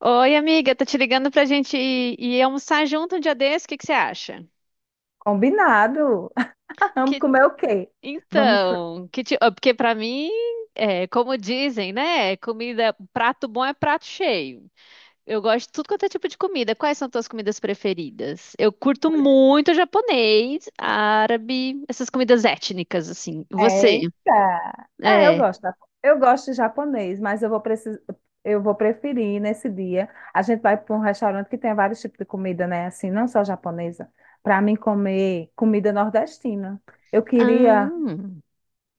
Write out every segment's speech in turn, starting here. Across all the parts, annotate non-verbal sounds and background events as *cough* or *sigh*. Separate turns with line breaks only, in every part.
Oi, amiga, tô te ligando pra gente ir almoçar junto um dia desse, o que que você acha?
Combinado. *laughs* Vamos
Que,
comer o quê? Vamos.
então, que ti- ah, Porque pra mim, é, como dizem, né, comida, prato bom é prato cheio. Eu gosto de tudo quanto é tipo de comida. Quais são tuas comidas preferidas? Eu curto muito japonês, árabe, essas comidas étnicas, assim. Você?
Eita! É, eu
É.
gosto. Eu gosto de japonês, mas eu vou preferir nesse dia. A gente vai para um restaurante que tem vários tipos de comida, né? Assim, não só japonesa. Para mim comer comida nordestina. Eu
Ah,
queria
hum.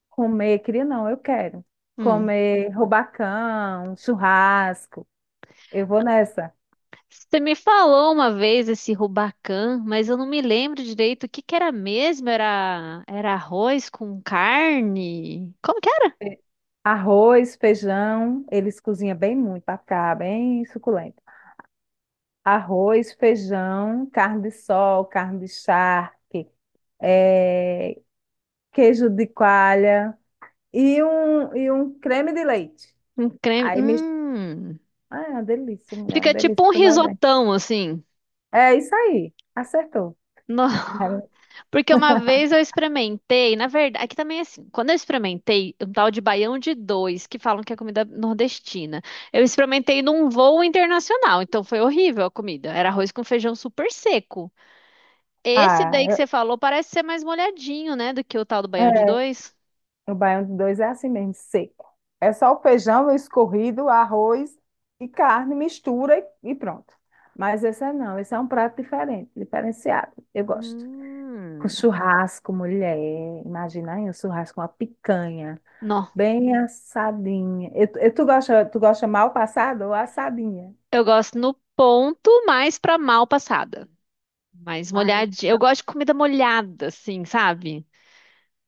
comer, queria não, eu quero
Hum.
comer rubacão, churrasco. Eu vou nessa.
Você me falou uma vez esse Rubacan, mas eu não me lembro direito o que que era mesmo. Era arroz com carne? Como que era?
Arroz, feijão, eles cozinham bem muito para ficar bem suculento. Arroz, feijão, carne de sol, carne de charque, eh, queijo de coalha e um creme de leite.
Um creme.
Aí me...
Hum.
Ah, é uma delícia, mulher, é uma
Fica tipo
delícia
um
tu vai ver.
risotão, assim.
É isso aí, acertou.
No-
É mu-
*laughs* Porque uma vez eu experimentei, na verdade, aqui também é assim, quando eu experimentei um tal de baião de dois, que falam que é comida nordestina, eu experimentei num voo internacional, então foi horrível a comida. Era arroz com feijão super seco. Esse daí que
Ah,
você falou parece ser mais molhadinho, né? Do que o tal do
é-
baião de
é,
dois.
o baião de dois é assim mesmo, seco. É só o feijão escorrido, arroz e carne, mistura e pronto. Mas esse é não, esse é um prato diferente, diferenciado. Eu gosto. Com
Hum.
churrasco, mulher. Imagina aí, um churrasco, uma picanha.
Não.
Bem assadinha. Tu gosta mal passada ou assadinha?
Eu gosto no ponto, mais pra mal passada. Mais
Ai,
molhadinha. Eu gosto de comida molhada, assim, sabe?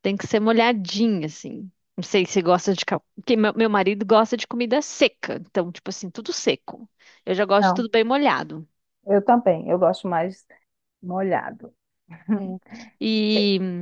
Tem que ser molhadinha, assim. Não sei se você gosta de. Porque meu marido gosta de comida seca. Então, tipo assim, tudo seco. Eu já gosto de
não.
tudo bem molhado.
Eu também. Eu gosto mais molhado. *laughs*
É.
E-
E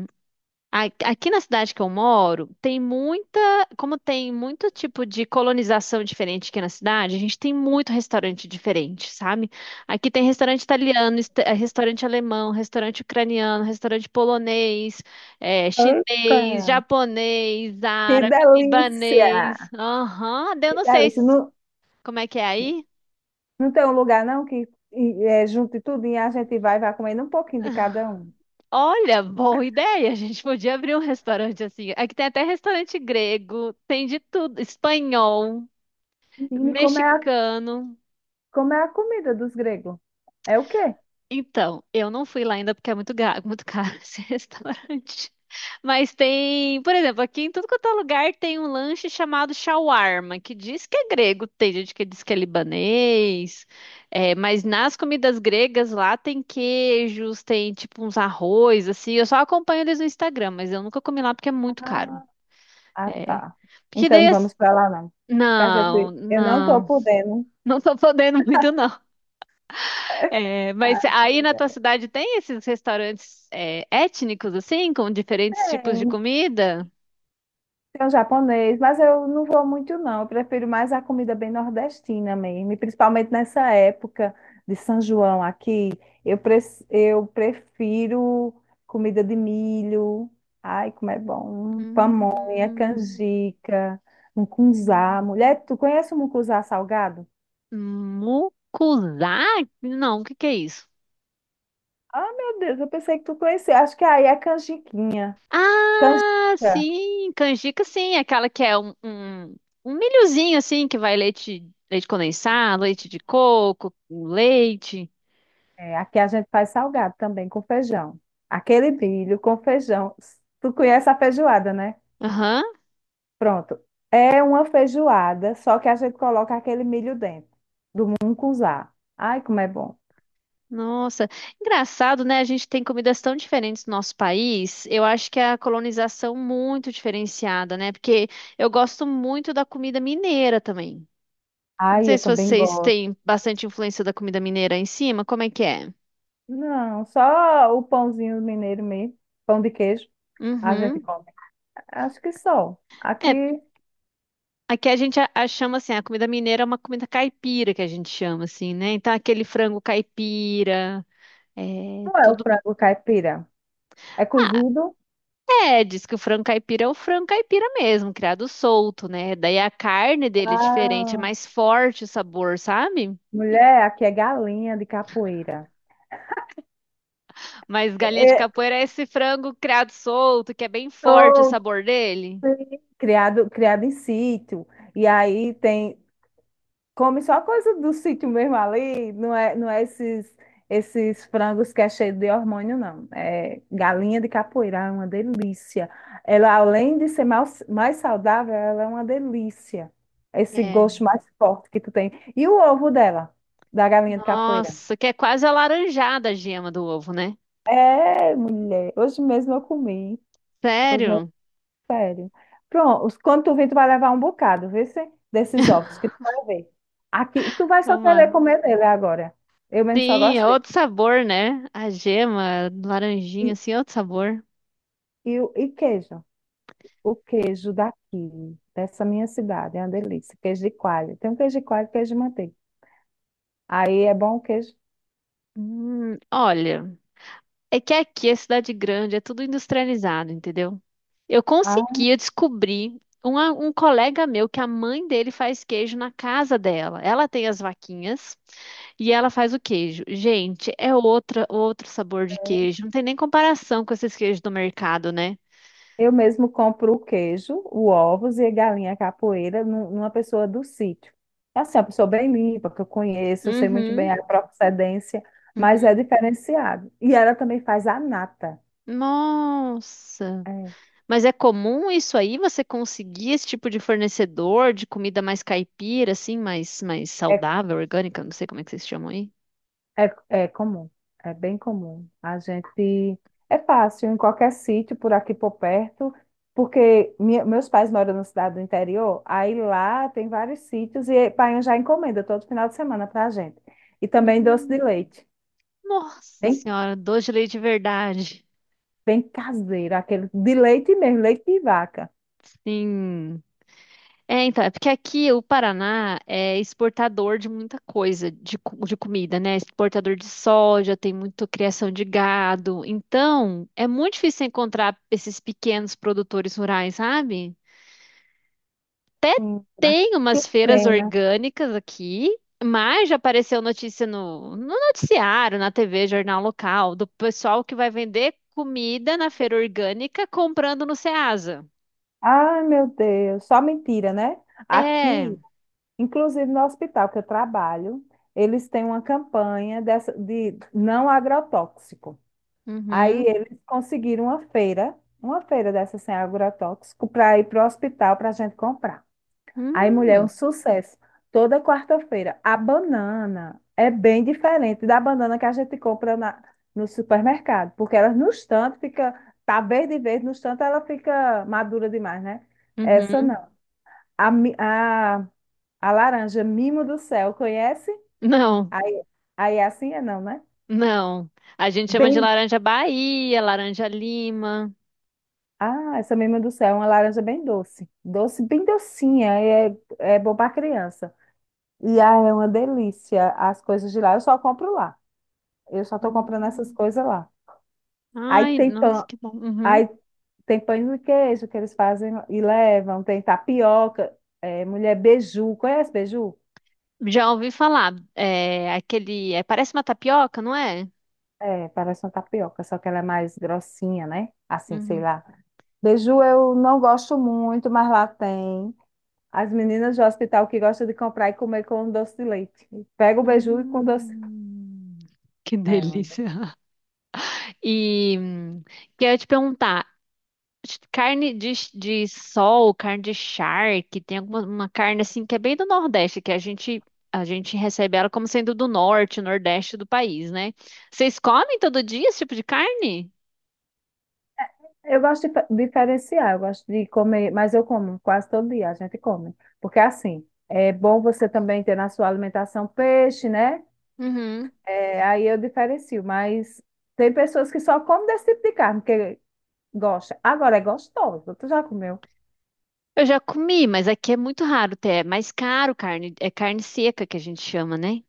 Aqui na cidade que eu moro, tem muita, como tem muito tipo de colonização diferente aqui na cidade, a gente tem muito restaurante diferente, sabe? Aqui tem restaurante italiano, restaurante alemão, restaurante ucraniano, restaurante polonês,
Eita,
chinês, japonês,
que
árabe, libanês.
delícia!
Aham, daí eu
Que
não sei
delícia.
se-
Não,
como é que é aí.
não tem um lugar, não, que é, junte tudo e a gente vai, vai comendo um pouquinho de cada um.
Olha, boa ideia, a gente podia abrir um restaurante assim. Aqui tem até restaurante grego, tem de tudo, espanhol.
Menina,
Mexicano.
como é a comida dos gregos? É o quê?
Então, eu não fui lá ainda porque é muito, muito caro *laughs* esse restaurante. Mas tem, por exemplo, aqui em tudo quanto é lugar tem um lanche chamado shawarma, que diz que é grego, tem gente que diz que é libanês. É, mas nas comidas gregas lá tem queijos, tem tipo uns arroz, assim. Eu só acompanho eles no Instagram, mas eu nunca comi lá porque é muito caro.
Ah,
É.
tá.
Porque
Então
daí.
não
as-
vamos para lá, não. Porque a
Não,
gente, eu não estou
não.
podendo.
Não tô podendo muito, não. É, mas
Ah,
aí na tua cidade tem esses restaurantes étnicos, assim, com diferentes
é,
tipos de
tem
comida?
um japonês, mas eu não vou muito, não. Eu prefiro mais a comida bem nordestina mesmo, e principalmente nessa época de São João aqui. Eu, pre eu prefiro comida de milho. Ai, como é bom! Pamonha,
Hum,
canjica, mucunzá. Mulher, tu conhece o mucunzá salgado?
mucuzá? Não, o que que é isso?
Ah, meu Deus, eu pensei que tu conhecia. Acho que aí é canjiquinha.
Ah,
Canjica.
sim, canjica, sim, aquela que é um milhozinho, assim, que vai leite, leite condensado, leite de coco, com leite.
É, aqui a gente faz salgado também com feijão. Aquele milho com feijão. Tu conhece a feijoada, né?
Aham.
Pronto. É uma feijoada, só que a gente coloca aquele milho dentro, do mungunzá. Ai, como é bom.
Nossa, engraçado, né? A gente tem comidas tão diferentes no nosso país. Eu acho que é a colonização muito diferenciada, né? Porque eu gosto muito da comida mineira também. Não
Ai,
sei
eu
se
também
vocês
gosto.
têm bastante influência da comida mineira aí em cima, como é que é?
Não, só o pãozinho mineiro mesmo, pão de queijo, a gente
Uhum.
come. Acho que só.
É,
Aqui
aqui a gente a chama assim, a comida mineira é uma comida caipira que a gente chama assim, né? Então aquele frango caipira, é
não é o
tudo.
frango caipira. É
Ah,
cozido.
é, diz que o frango caipira é o frango caipira mesmo, criado solto, né? Daí a carne dele é diferente, é
Ah,
mais forte o sabor, sabe?
mulher, aqui é galinha de capoeira.
Mas galinha de
É,
capoeira é esse frango criado solto, que é bem forte o
Sou,
sabor dele.
sim, criado, criado em sítio. E aí tem, come só coisa do sítio mesmo ali, não é, não é esses, esses frangos que é cheio de hormônio, não. É galinha de capoeira, é uma delícia. Ela, além de ser mais, mais saudável, ela é uma delícia. Esse
É.
gosto mais forte que tu tem. E o ovo dela, da galinha de capoeira?
Nossa, que é quase alaranjada a gema do ovo, né?
É, mulher, hoje mesmo eu comi. Hoje mesmo.
Sério?
Sério. Pronto, quando tu vir, tu vai levar um bocado, vê se desses ovos que tu vai ver. Aqui, tu vai só querer
Tomara.
comer dele agora. Eu mesmo só
Sim,
gosto
é
dele.
outro sabor, né? A gema, laranjinha,
E,
assim, é outro sabor.
e queijo. O queijo daqui, dessa minha cidade, é uma delícia. Queijo de coalho. Tem um queijo de coalho e queijo de manteiga. Aí é bom o queijo.
Olha. É que aqui é cidade grande, é tudo industrializado, entendeu? Eu
Ah,
consegui, eu descobri um colega meu que a mãe dele faz queijo na casa dela. Ela tem as vaquinhas e ela faz o queijo. Gente, é outra, outro sabor de queijo. Não tem nem comparação com esses queijos do mercado, né?
eu mesmo compro o queijo, o ovos e a galinha capoeira numa pessoa do sítio. É assim, é uma pessoa bem limpa, que eu conheço, eu sei muito bem
Uhum,
a procedência, mas é
uhum.
diferenciado. E ela também faz a nata.
Nossa.
É,
Mas é comum isso aí? Você conseguir esse tipo de fornecedor de comida mais caipira, assim, mais, mais
é,
saudável, orgânica? Não sei como é que vocês chamam aí.
é, é comum, é bem comum. A gente é fácil em qualquer sítio por aqui por perto, porque meus pais moram na cidade do interior, aí lá tem vários sítios e Paião já encomenda todo final de semana para a gente. E também doce de
Hum.
leite.
Nossa
Bem
senhora, doce de leite de verdade.
bem caseira aquele de leite mesmo, leite de vaca.
Sim. É, então, é porque aqui o Paraná é exportador de muita coisa, de comida, né? Exportador de soja, tem muita criação de gado. Então, é muito difícil encontrar esses pequenos produtores rurais, sabe? Até
Ah,
tem
que
umas feiras
pena.
orgânicas aqui, mas já apareceu notícia no noticiário, na TV, jornal local, do pessoal que vai vender comida na feira orgânica comprando no Ceasa.
Ai, meu Deus, só mentira, né?
É.
Aqui, inclusive no hospital que eu trabalho, eles têm uma campanha dessa, de não agrotóxico. Aí
Uhum.
eles conseguiram uma feira dessa sem agrotóxico, para ir para o hospital para a gente comprar. Aí, mulher, é um
Hum.
sucesso. Toda quarta-feira. A banana é bem diferente da banana que a gente compra na, no supermercado, porque ela no estante fica, tá verde e verde, no estante ela fica madura demais, né? Essa
Uhum.
não. A, mi- a, a laranja, mimo do céu, conhece?
Não,
Aí, aí é assim é não, né?
não. A gente chama de
Bem,
laranja Bahia, laranja Lima.
ah, essa mimo do céu é uma laranja bem doce. Doce, bem docinha, é, é bom para criança. E ah, é uma delícia as coisas de lá, eu só compro lá. Eu só estou comprando essas
Hum.
coisas lá. Aí
Ai,
tem
nossa,
pão,
que bom. Uhum.
aí tem pães de queijo que eles fazem e levam, tem tapioca, é, mulher beiju, conhece beiju?
Já ouvi falar. Parece uma tapioca, não é?
É, parece uma tapioca, só que ela é mais grossinha, né? Assim, sei
Uhum.
lá. Beiju eu não gosto muito, mas lá tem. As meninas do hospital que gostam de comprar e comer com doce de leite. Pega o beiju e com doce.
Hum, que
É,
delícia. E queria te perguntar, carne de sol, carne de charque, tem alguma uma carne assim que é bem do Nordeste, que a gente recebe ela como sendo do Norte, Nordeste do país, né? Vocês comem todo dia esse tipo de carne?
eu gosto de diferenciar, eu gosto de comer, mas eu como quase todo dia, a gente come. Porque assim, é bom você também ter na sua alimentação peixe, né?
Uhum.
É, aí eu diferencio, mas tem pessoas que só comem desse tipo de carne, porque gosta. Agora é gostoso, tu já comeu?
Eu já comi, mas aqui é muito raro ter, é mais caro carne, é carne seca que a gente chama, né?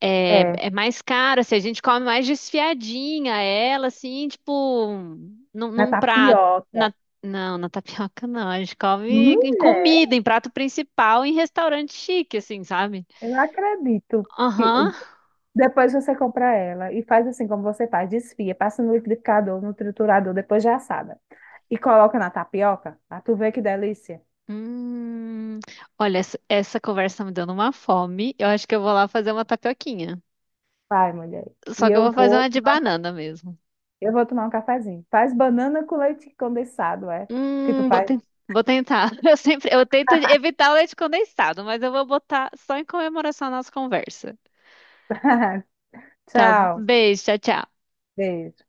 É,
É,
é mais caro, assim, a gente come mais desfiadinha ela, assim, tipo,
na
num prato.
tapioca.
Na, não, na tapioca não, a gente come em
Mulher,
comida, em prato principal, em restaurante chique, assim, sabe?
eu não acredito que
Aham.
depois você compra ela e faz assim como você faz, desfia, passa no liquidificador, no triturador, depois já assada. E coloca na tapioca, ah, tu vê que delícia.
Hum, olha, essa, essa conversa me dando uma fome, eu acho que eu vou lá fazer uma tapioquinha.
Vai, mulher. E
Só que eu
eu
vou fazer
vou
uma de
tomar um, ca-
banana mesmo.
eu vou tomar um cafezinho. Faz banana com leite condensado, é? Que tu
Hum, vou,
faz.
ten- Vou tentar. *laughs* Eu sempre, eu tento evitar o leite condensado, mas eu vou botar só em comemoração à nossa conversa.
*laughs*
Tá, bom.
Tchau.
Beijo, tchau, tchau.
Beijo.